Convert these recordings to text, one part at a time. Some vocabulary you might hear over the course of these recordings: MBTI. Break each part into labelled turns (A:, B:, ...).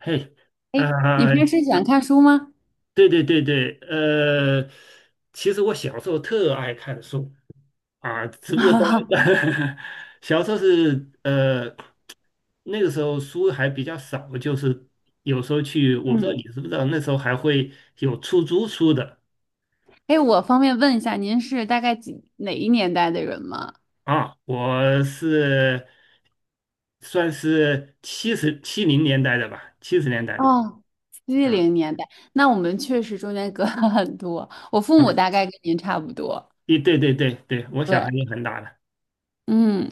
A: 嘿，啊、
B: 哎，你平时喜欢看书吗？
A: 对对对对，其实我小时候特爱看书啊，只 不过
B: 哈
A: 到
B: 哈，
A: 小时候是那个时候书还比较少，就是有时候去，我不知道
B: 嗯，
A: 你知不知道，那时候还会有出租书的
B: 哎，我方便问一下，您是大概哪一年代的人吗？
A: 啊，我是算是70年代的吧，70年代的吧
B: 哦，七
A: 啊
B: 零年代，那我们确实中间隔了很多。我父母
A: 啊，
B: 大概跟您差不多。
A: 对对对对对，我小孩
B: 对，
A: 也很大了
B: 嗯，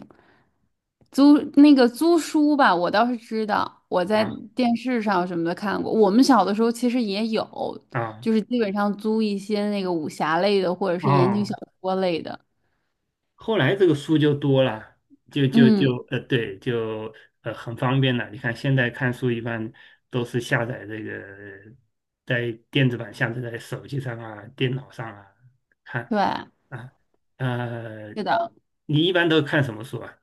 B: 租那个租书吧，我倒是知道，我在
A: 啊
B: 电视上什么的看过。我们小的时候其实也有，
A: 啊
B: 就是基本上租一些那个武侠类的，或者是言情小
A: 哦。
B: 说类的。
A: 后来这个书就多了，就就
B: 嗯，
A: 就呃，对，就很方便了。你看现在看书一般都是下载这个在电子版下载在手机上啊、电脑上啊看
B: 对，
A: 啊。呃，
B: 是的。
A: 你一般都看什么书啊？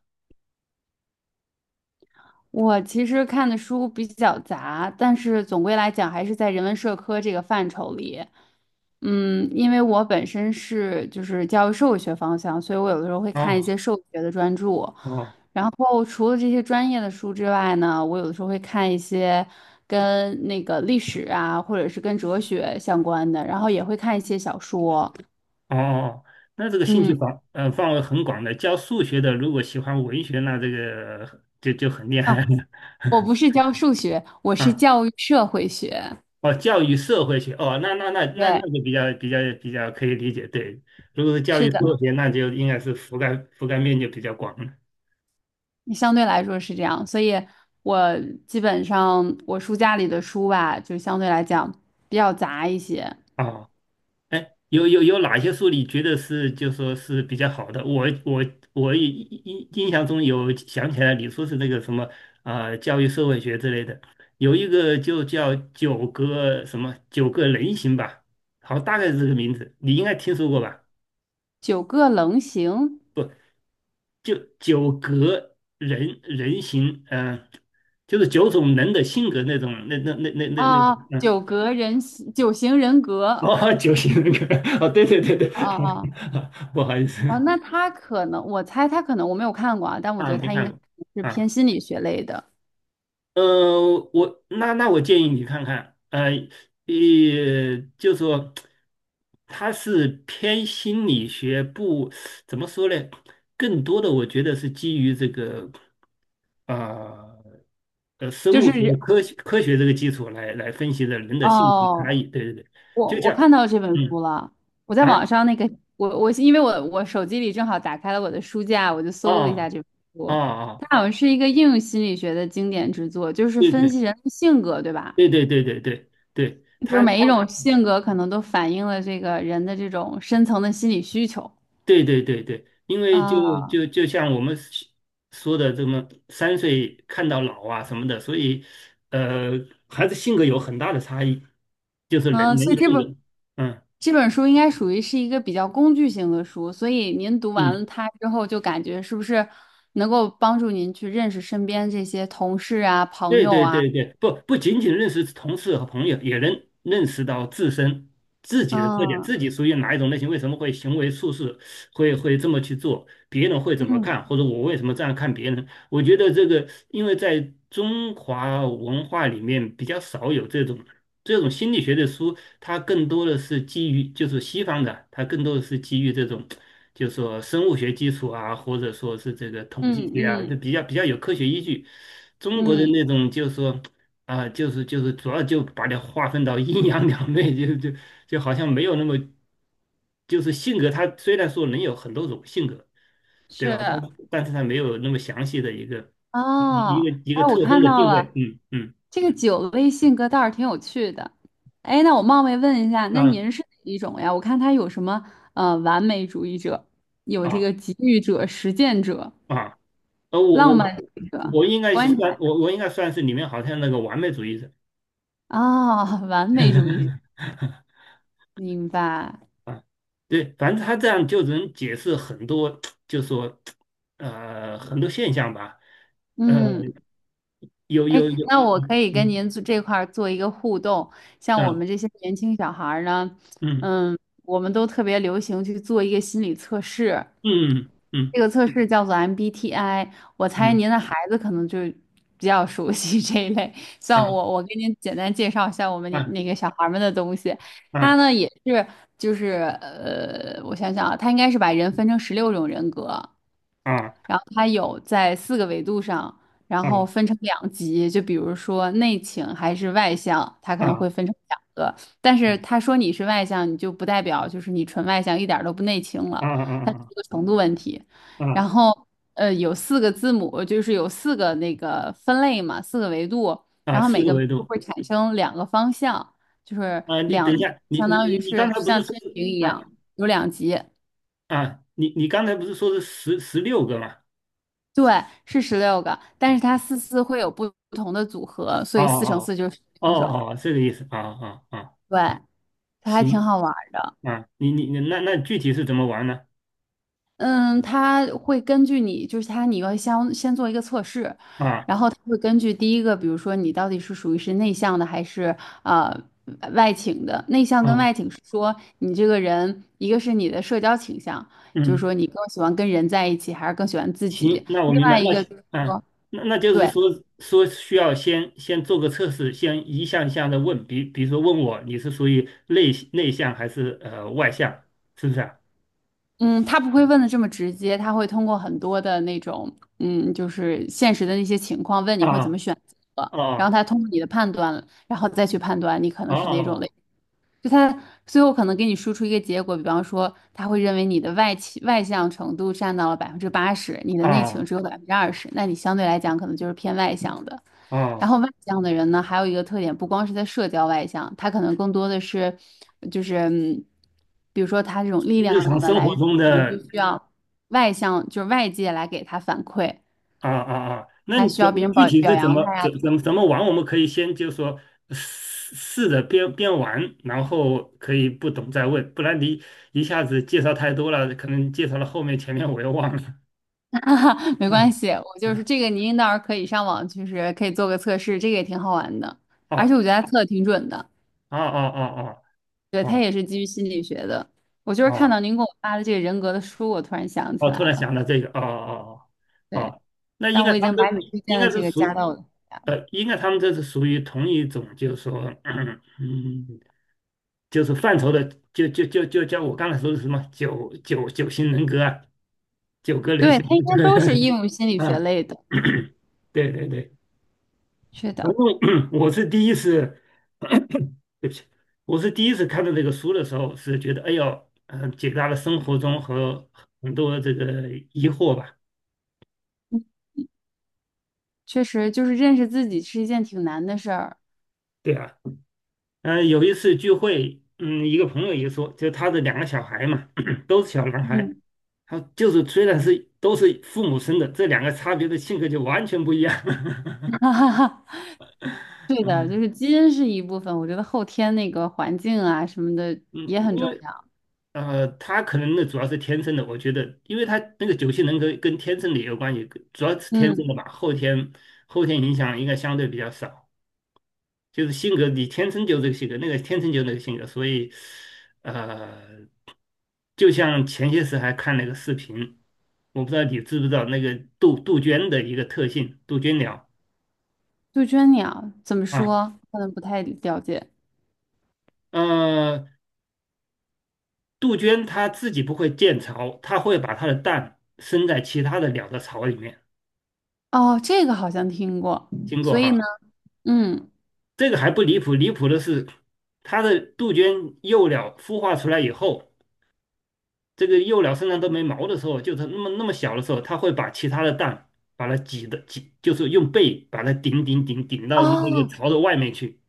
B: 我其实看的书比较杂，但是总归来讲还是在人文社科这个范畴里。嗯，因为我本身是就是教育社会学方向，所以我有的时候会看一
A: 哦
B: 些社会学的专著。
A: 哦
B: 然后除了这些专业的书之外呢，我有的时候会看一些跟那个历史啊，或者是跟哲学相关的，然后也会看一些小说。
A: 哦哦，那这个兴趣
B: 嗯，
A: 范围很广的。教数学的如果喜欢文学，那这个就很厉害了。
B: 啊，我不是教数学，我是 教育社会学。
A: 哦，教育社会学，哦，那
B: 对，
A: 个比较可以理解，对。如果是教
B: 是
A: 育社
B: 的。
A: 会学，那就应该是覆盖面就比较广了。
B: 相对来说是这样，所以我基本上我书架里的书吧，就相对来讲比较杂一些。
A: 哦，哎，有哪些书你觉得是就说是比较好的？我我我印印印象中有想起来你说是那个什么啊、教育社会学之类的，有一个就叫九个什么九个人形吧，好，大概是这个名字，你应该听说过吧？
B: 九个棱形
A: 就九格人形，嗯、就是九种人的性格那种，那
B: 啊，
A: 种，嗯，
B: 九格人形九型人格啊
A: 哦，九型人格，哦，对对对对，
B: 啊
A: 不好意思
B: 啊，那他可能我猜他可能我没有看过啊，但我觉
A: 啊，
B: 得
A: 没
B: 他应
A: 看
B: 该
A: 过
B: 是偏
A: 啊，
B: 心理学类的，
A: 我我建议你看看，也就说它是偏心理学不，怎么说呢？更多的我觉得是基于这个呃。生
B: 就
A: 物学
B: 是
A: 科学这个基础来分析的人的性格差
B: 哦
A: 异。对对对，
B: 我
A: 就这
B: 我
A: 样，
B: 看到这本
A: 嗯
B: 书了，我在
A: 啊
B: 网上那个我因为我手机里正好打开了我的书架，我就搜了一下
A: 哦
B: 这本
A: 哦
B: 书，
A: 哦，
B: 它好像是一个应用心理学的经典之作，就是
A: 对
B: 分
A: 对
B: 析人的性格，对吧？
A: 对对对对对对，
B: 就是
A: 他
B: 每一种性格可能都反映了这个人的这种深层的心理需求。
A: 对对对对，因为
B: 啊
A: 就像我们说的这么3岁看到老啊什么的，所以呃孩子性格有很大的差异，就是人
B: 啊，
A: 人
B: 所以
A: 的
B: 这
A: 性
B: 本
A: 格，嗯
B: 这本书应该属于是一个比较工具型的书，所以您读完
A: 嗯。
B: 了它之后，就感觉是不是能够帮助您去认识身边这些同事啊、朋
A: 对
B: 友
A: 对
B: 啊？
A: 对对，不仅仅认识同事和朋友，也能认识到自己的特点，
B: 嗯，
A: 自己属于哪一种类型，为什么会行为处事会这么去做，别人会怎么
B: 嗯
A: 看，或者我为什么这样看别人，我觉得这个，因为在中华文化里面比较少有这种心理学的书，它更多的是基于就是西方的，它更多的是基于这种，就是说生物学基础啊，或者说是这个统计
B: 嗯
A: 学啊，就
B: 嗯
A: 比较比较有科学依据。中国的
B: 嗯，
A: 那种就是说啊、就是主要就把它划分到阴阳两面，就好像没有那么，就是性格，它虽然说能有很多种性格。对吧？
B: 是
A: 但是它没有那么详细的一个
B: 哦。
A: 一
B: 哎，
A: 个
B: 我
A: 特征
B: 看
A: 的
B: 到
A: 定位，
B: 了
A: 嗯嗯
B: 这个酒类性格倒是挺有趣的。哎，那我冒昧问一下，那
A: 啊
B: 您是哪一种呀？我看他有什么完美主义者，有这
A: 啊
B: 个给予者、实践者、
A: 啊，呃，我
B: 浪
A: 我
B: 漫主义者、
A: 我应该是
B: 观
A: 算
B: 察者
A: 我我应该算是里面好像那个完美主义者
B: 哦，完美主义者，明白。
A: 啊，对，反正他这样就能解释很多，就说很多现象吧，呃，
B: 嗯。哎，
A: 有，
B: 那我可
A: 嗯
B: 以跟
A: 嗯
B: 您做这块儿做一个互动。像我
A: 啊
B: 们这些年轻小孩儿呢，
A: 嗯
B: 嗯，我们都特别流行去做一个心理测试，
A: 嗯嗯
B: 这个测试叫做 MBTI。我猜
A: 嗯
B: 您的孩子可能就比较熟悉 这一类。像
A: 啊
B: 我，我给您简单介绍一下我们那
A: 啊
B: 那个小孩儿们的东西。他
A: 啊
B: 呢也是，就是我想想啊，他应该是把人分成16种人格。
A: 啊
B: 然后它有在四个维度上，然后
A: 啊
B: 分成两级，就比如说内倾还是外向，它
A: 啊
B: 可能
A: 啊
B: 会分成两个。但是他说你是外向，你就不代表就是你纯外向，一点儿都不内倾
A: 啊
B: 了，它是
A: 啊
B: 一个程度问题。
A: 啊
B: 然
A: 啊。
B: 后有四个字母，就是有四个那个分类嘛，四个维度，
A: 啊，
B: 然后
A: 四
B: 每
A: 个
B: 个维
A: 维
B: 度
A: 度
B: 会产生两个方向，就是
A: 啊，你等
B: 两，
A: 一下，你
B: 相
A: 你
B: 当
A: 你
B: 于
A: 你刚
B: 是就
A: 才不是
B: 像
A: 说
B: 天
A: 是
B: 平一
A: 啊
B: 样，有两级。
A: 啊，你刚才不是说是16个吗？
B: 对，是16个，但是它四四会有不同的组合，所
A: 哦
B: 以四乘
A: 哦
B: 四就是
A: 哦
B: 六种。
A: 哦，哦，这个意思啊啊啊，
B: 对，它还挺
A: 行
B: 好玩儿的。
A: 啊，你具体是怎么玩呢？
B: 嗯，它会根据你，就是它你要先做一个测试，
A: 啊
B: 然后它会根据第一个，比如说你到底是属于是内向的还是呃外倾的。内向跟
A: 啊
B: 外倾是说你这个人，一个是你的社交倾向，就是
A: 嗯，
B: 说你更喜欢跟人在一起，还是更喜欢自
A: 行，
B: 己。
A: 那我
B: 另
A: 明白，
B: 外一
A: 那
B: 个
A: 行
B: 就是
A: 啊
B: 说。
A: 那那就是
B: 对，
A: 说说需要先做个测试，先一项一项的问，比如说问我你是属于内向还是外向，是不是啊？
B: 嗯，他不会问的这么直接，他会通过很多的那种，嗯，就是现实的那些情况，问你会怎么
A: 啊
B: 选择，然后
A: 哦
B: 他通过你的判断，然后再去判断你可
A: 哦
B: 能是哪种类。
A: 哦
B: 就他最后可能给你输出一个结果，比方说他会认为你的外倾外向程度占到了80%，你的内情
A: 哦
B: 只有20%，那你相对来讲可能就是偏外向的。然
A: 哦。
B: 后外向的人呢，还有一个特点，不光是在社交外向，他可能更多的是，就是嗯比如说他这种力
A: 日常
B: 量的
A: 生
B: 来
A: 活
B: 源，
A: 中
B: 可能就
A: 的
B: 需要外向，就是外界来给他反馈，
A: 啊啊啊，那
B: 他
A: 你
B: 需
A: 怎
B: 要
A: 么
B: 别人
A: 具
B: 表
A: 体
B: 表
A: 是
B: 扬他呀，
A: 怎么玩？我们可以先就说试试着边玩，然后可以不懂再问，不然你一下子介绍太多了，可能介绍了后面前面我又忘了。
B: 没关
A: 嗯
B: 系，我就是
A: 嗯，
B: 这个，您到时候可以上网，就是可以做个测试，这个也挺好玩的。而且我
A: 哦
B: 觉得他测的挺准的，
A: 哦哦哦
B: 对，
A: 哦
B: 他
A: 哦
B: 也是基于心理学的。我就是看到
A: 哦
B: 您给我发的这个人格的书，我突然想起
A: 哦，
B: 来
A: 突然
B: 了。
A: 想到这个，哦哦哦
B: 对，
A: 哦，那应
B: 但
A: 该
B: 我
A: 他
B: 已
A: 们
B: 经把你推
A: 应
B: 荐的
A: 该是
B: 这个加
A: 属
B: 到我的，
A: 应该他们这是属于同一种，就是说，嗯。嗯就是范畴的，就叫我刚才说的什么九型人格啊，九个人
B: 对，
A: 型
B: 他应该都是应
A: 人
B: 用心理
A: 格，
B: 学
A: 啊，
B: 类的。
A: 对对对，
B: 是的，
A: 反正 我是第一次，对不起，我是第一次看到这个书的时候，是觉得哎呦，嗯、解答了生活中和很多这个疑惑吧，
B: 嗯确实就是认识自己是一件挺难的事儿。
A: 对啊，嗯、有一次聚会，嗯，一个朋友也说，就他的两个小孩嘛，都是小男孩，
B: 嗯，
A: 他就是虽然是都是父母生的，这两个差别的性格就完全不一样。
B: 哈哈哈，对的，就
A: 嗯
B: 是基因是一部分，我觉得后天那个环境啊什么的
A: 嗯，
B: 也
A: 因
B: 很重
A: 为
B: 要。
A: 他可能那主要是天生的，我觉得，因为他那个九型人格跟天生的也有关系，主要是天生的
B: 嗯。
A: 吧，后天影响应该相对比较少。就是性格，你天生就这个性格，那个天生就那个性格，所以呃，就像前些时还看了一个视频，我不知道你知不知道那个杜鹃的一个特性，杜鹃鸟。
B: 杜鹃鸟怎么
A: 啊。
B: 说？可能不太了解。
A: 呃，杜鹃它自己不会建巢，它会把它的蛋生在其他的鸟的巢里面。
B: 哦，这个好像听过。
A: 经过
B: 所以呢，
A: 哈，
B: 嗯，
A: 这个还不离谱，离谱的是，它的杜鹃幼鸟孵化出来以后，这个幼鸟身上都没毛的时候，就是那么小的时候，它会把其他的蛋把它挤，就是用背把它顶到那个
B: 哦，
A: 巢的外面去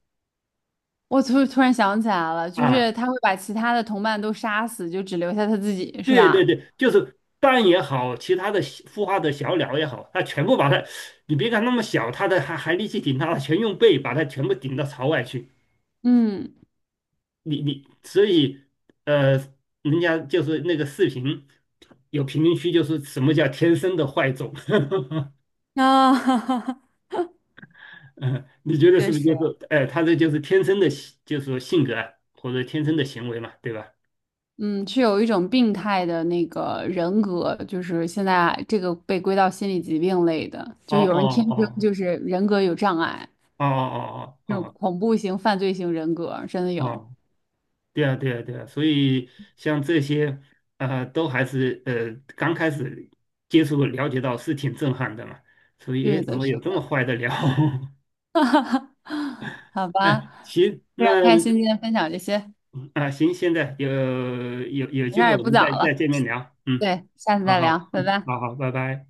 B: 我突然想起来了，就是
A: 啊。
B: 他会把其他的同伴都杀死，就只留下他自己，是
A: 对对
B: 吧？
A: 对，就是蛋也好，其他的小孵化的小鸟也好，它全部把它，你别看那么小，它的还力气挺大的，全用背把它全部顶到巢外去。
B: 嗯，
A: 所以呃，人家就是那个视频有评论区，就是什么叫天生的坏种，
B: 啊，哈哈
A: 嗯，你觉得是
B: 确
A: 不是
B: 实，
A: 就是哎，他这就是天生的性就是说性格啊，或者天生的行为嘛，对吧？
B: 嗯，是有一种病态的那个人格，就是现在这个被归到心理疾病类的，
A: 哦
B: 就有人天
A: 哦
B: 生
A: 哦
B: 就是人格有障碍，
A: 哦哦哦
B: 这
A: 哦
B: 种
A: 哦。
B: 恐怖型、犯罪型人格真的有。
A: 哦对啊，对啊，对啊，所以像这些，呃，都还是呃刚开始接触了解到是挺震撼的嘛，所以诶，
B: 是
A: 怎
B: 的，
A: 么
B: 是
A: 有这么
B: 的。
A: 坏的料？
B: 哈哈，好吧，
A: 哎，行，那
B: 非常开心今天分享这些，
A: 啊、行，现在有
B: 我
A: 机
B: 这儿
A: 会
B: 也
A: 我
B: 不
A: 们
B: 早
A: 再
B: 了，
A: 见面聊，嗯，
B: 对，下次
A: 好
B: 再聊，
A: 好，
B: 拜
A: 嗯，
B: 拜。
A: 好好，拜拜。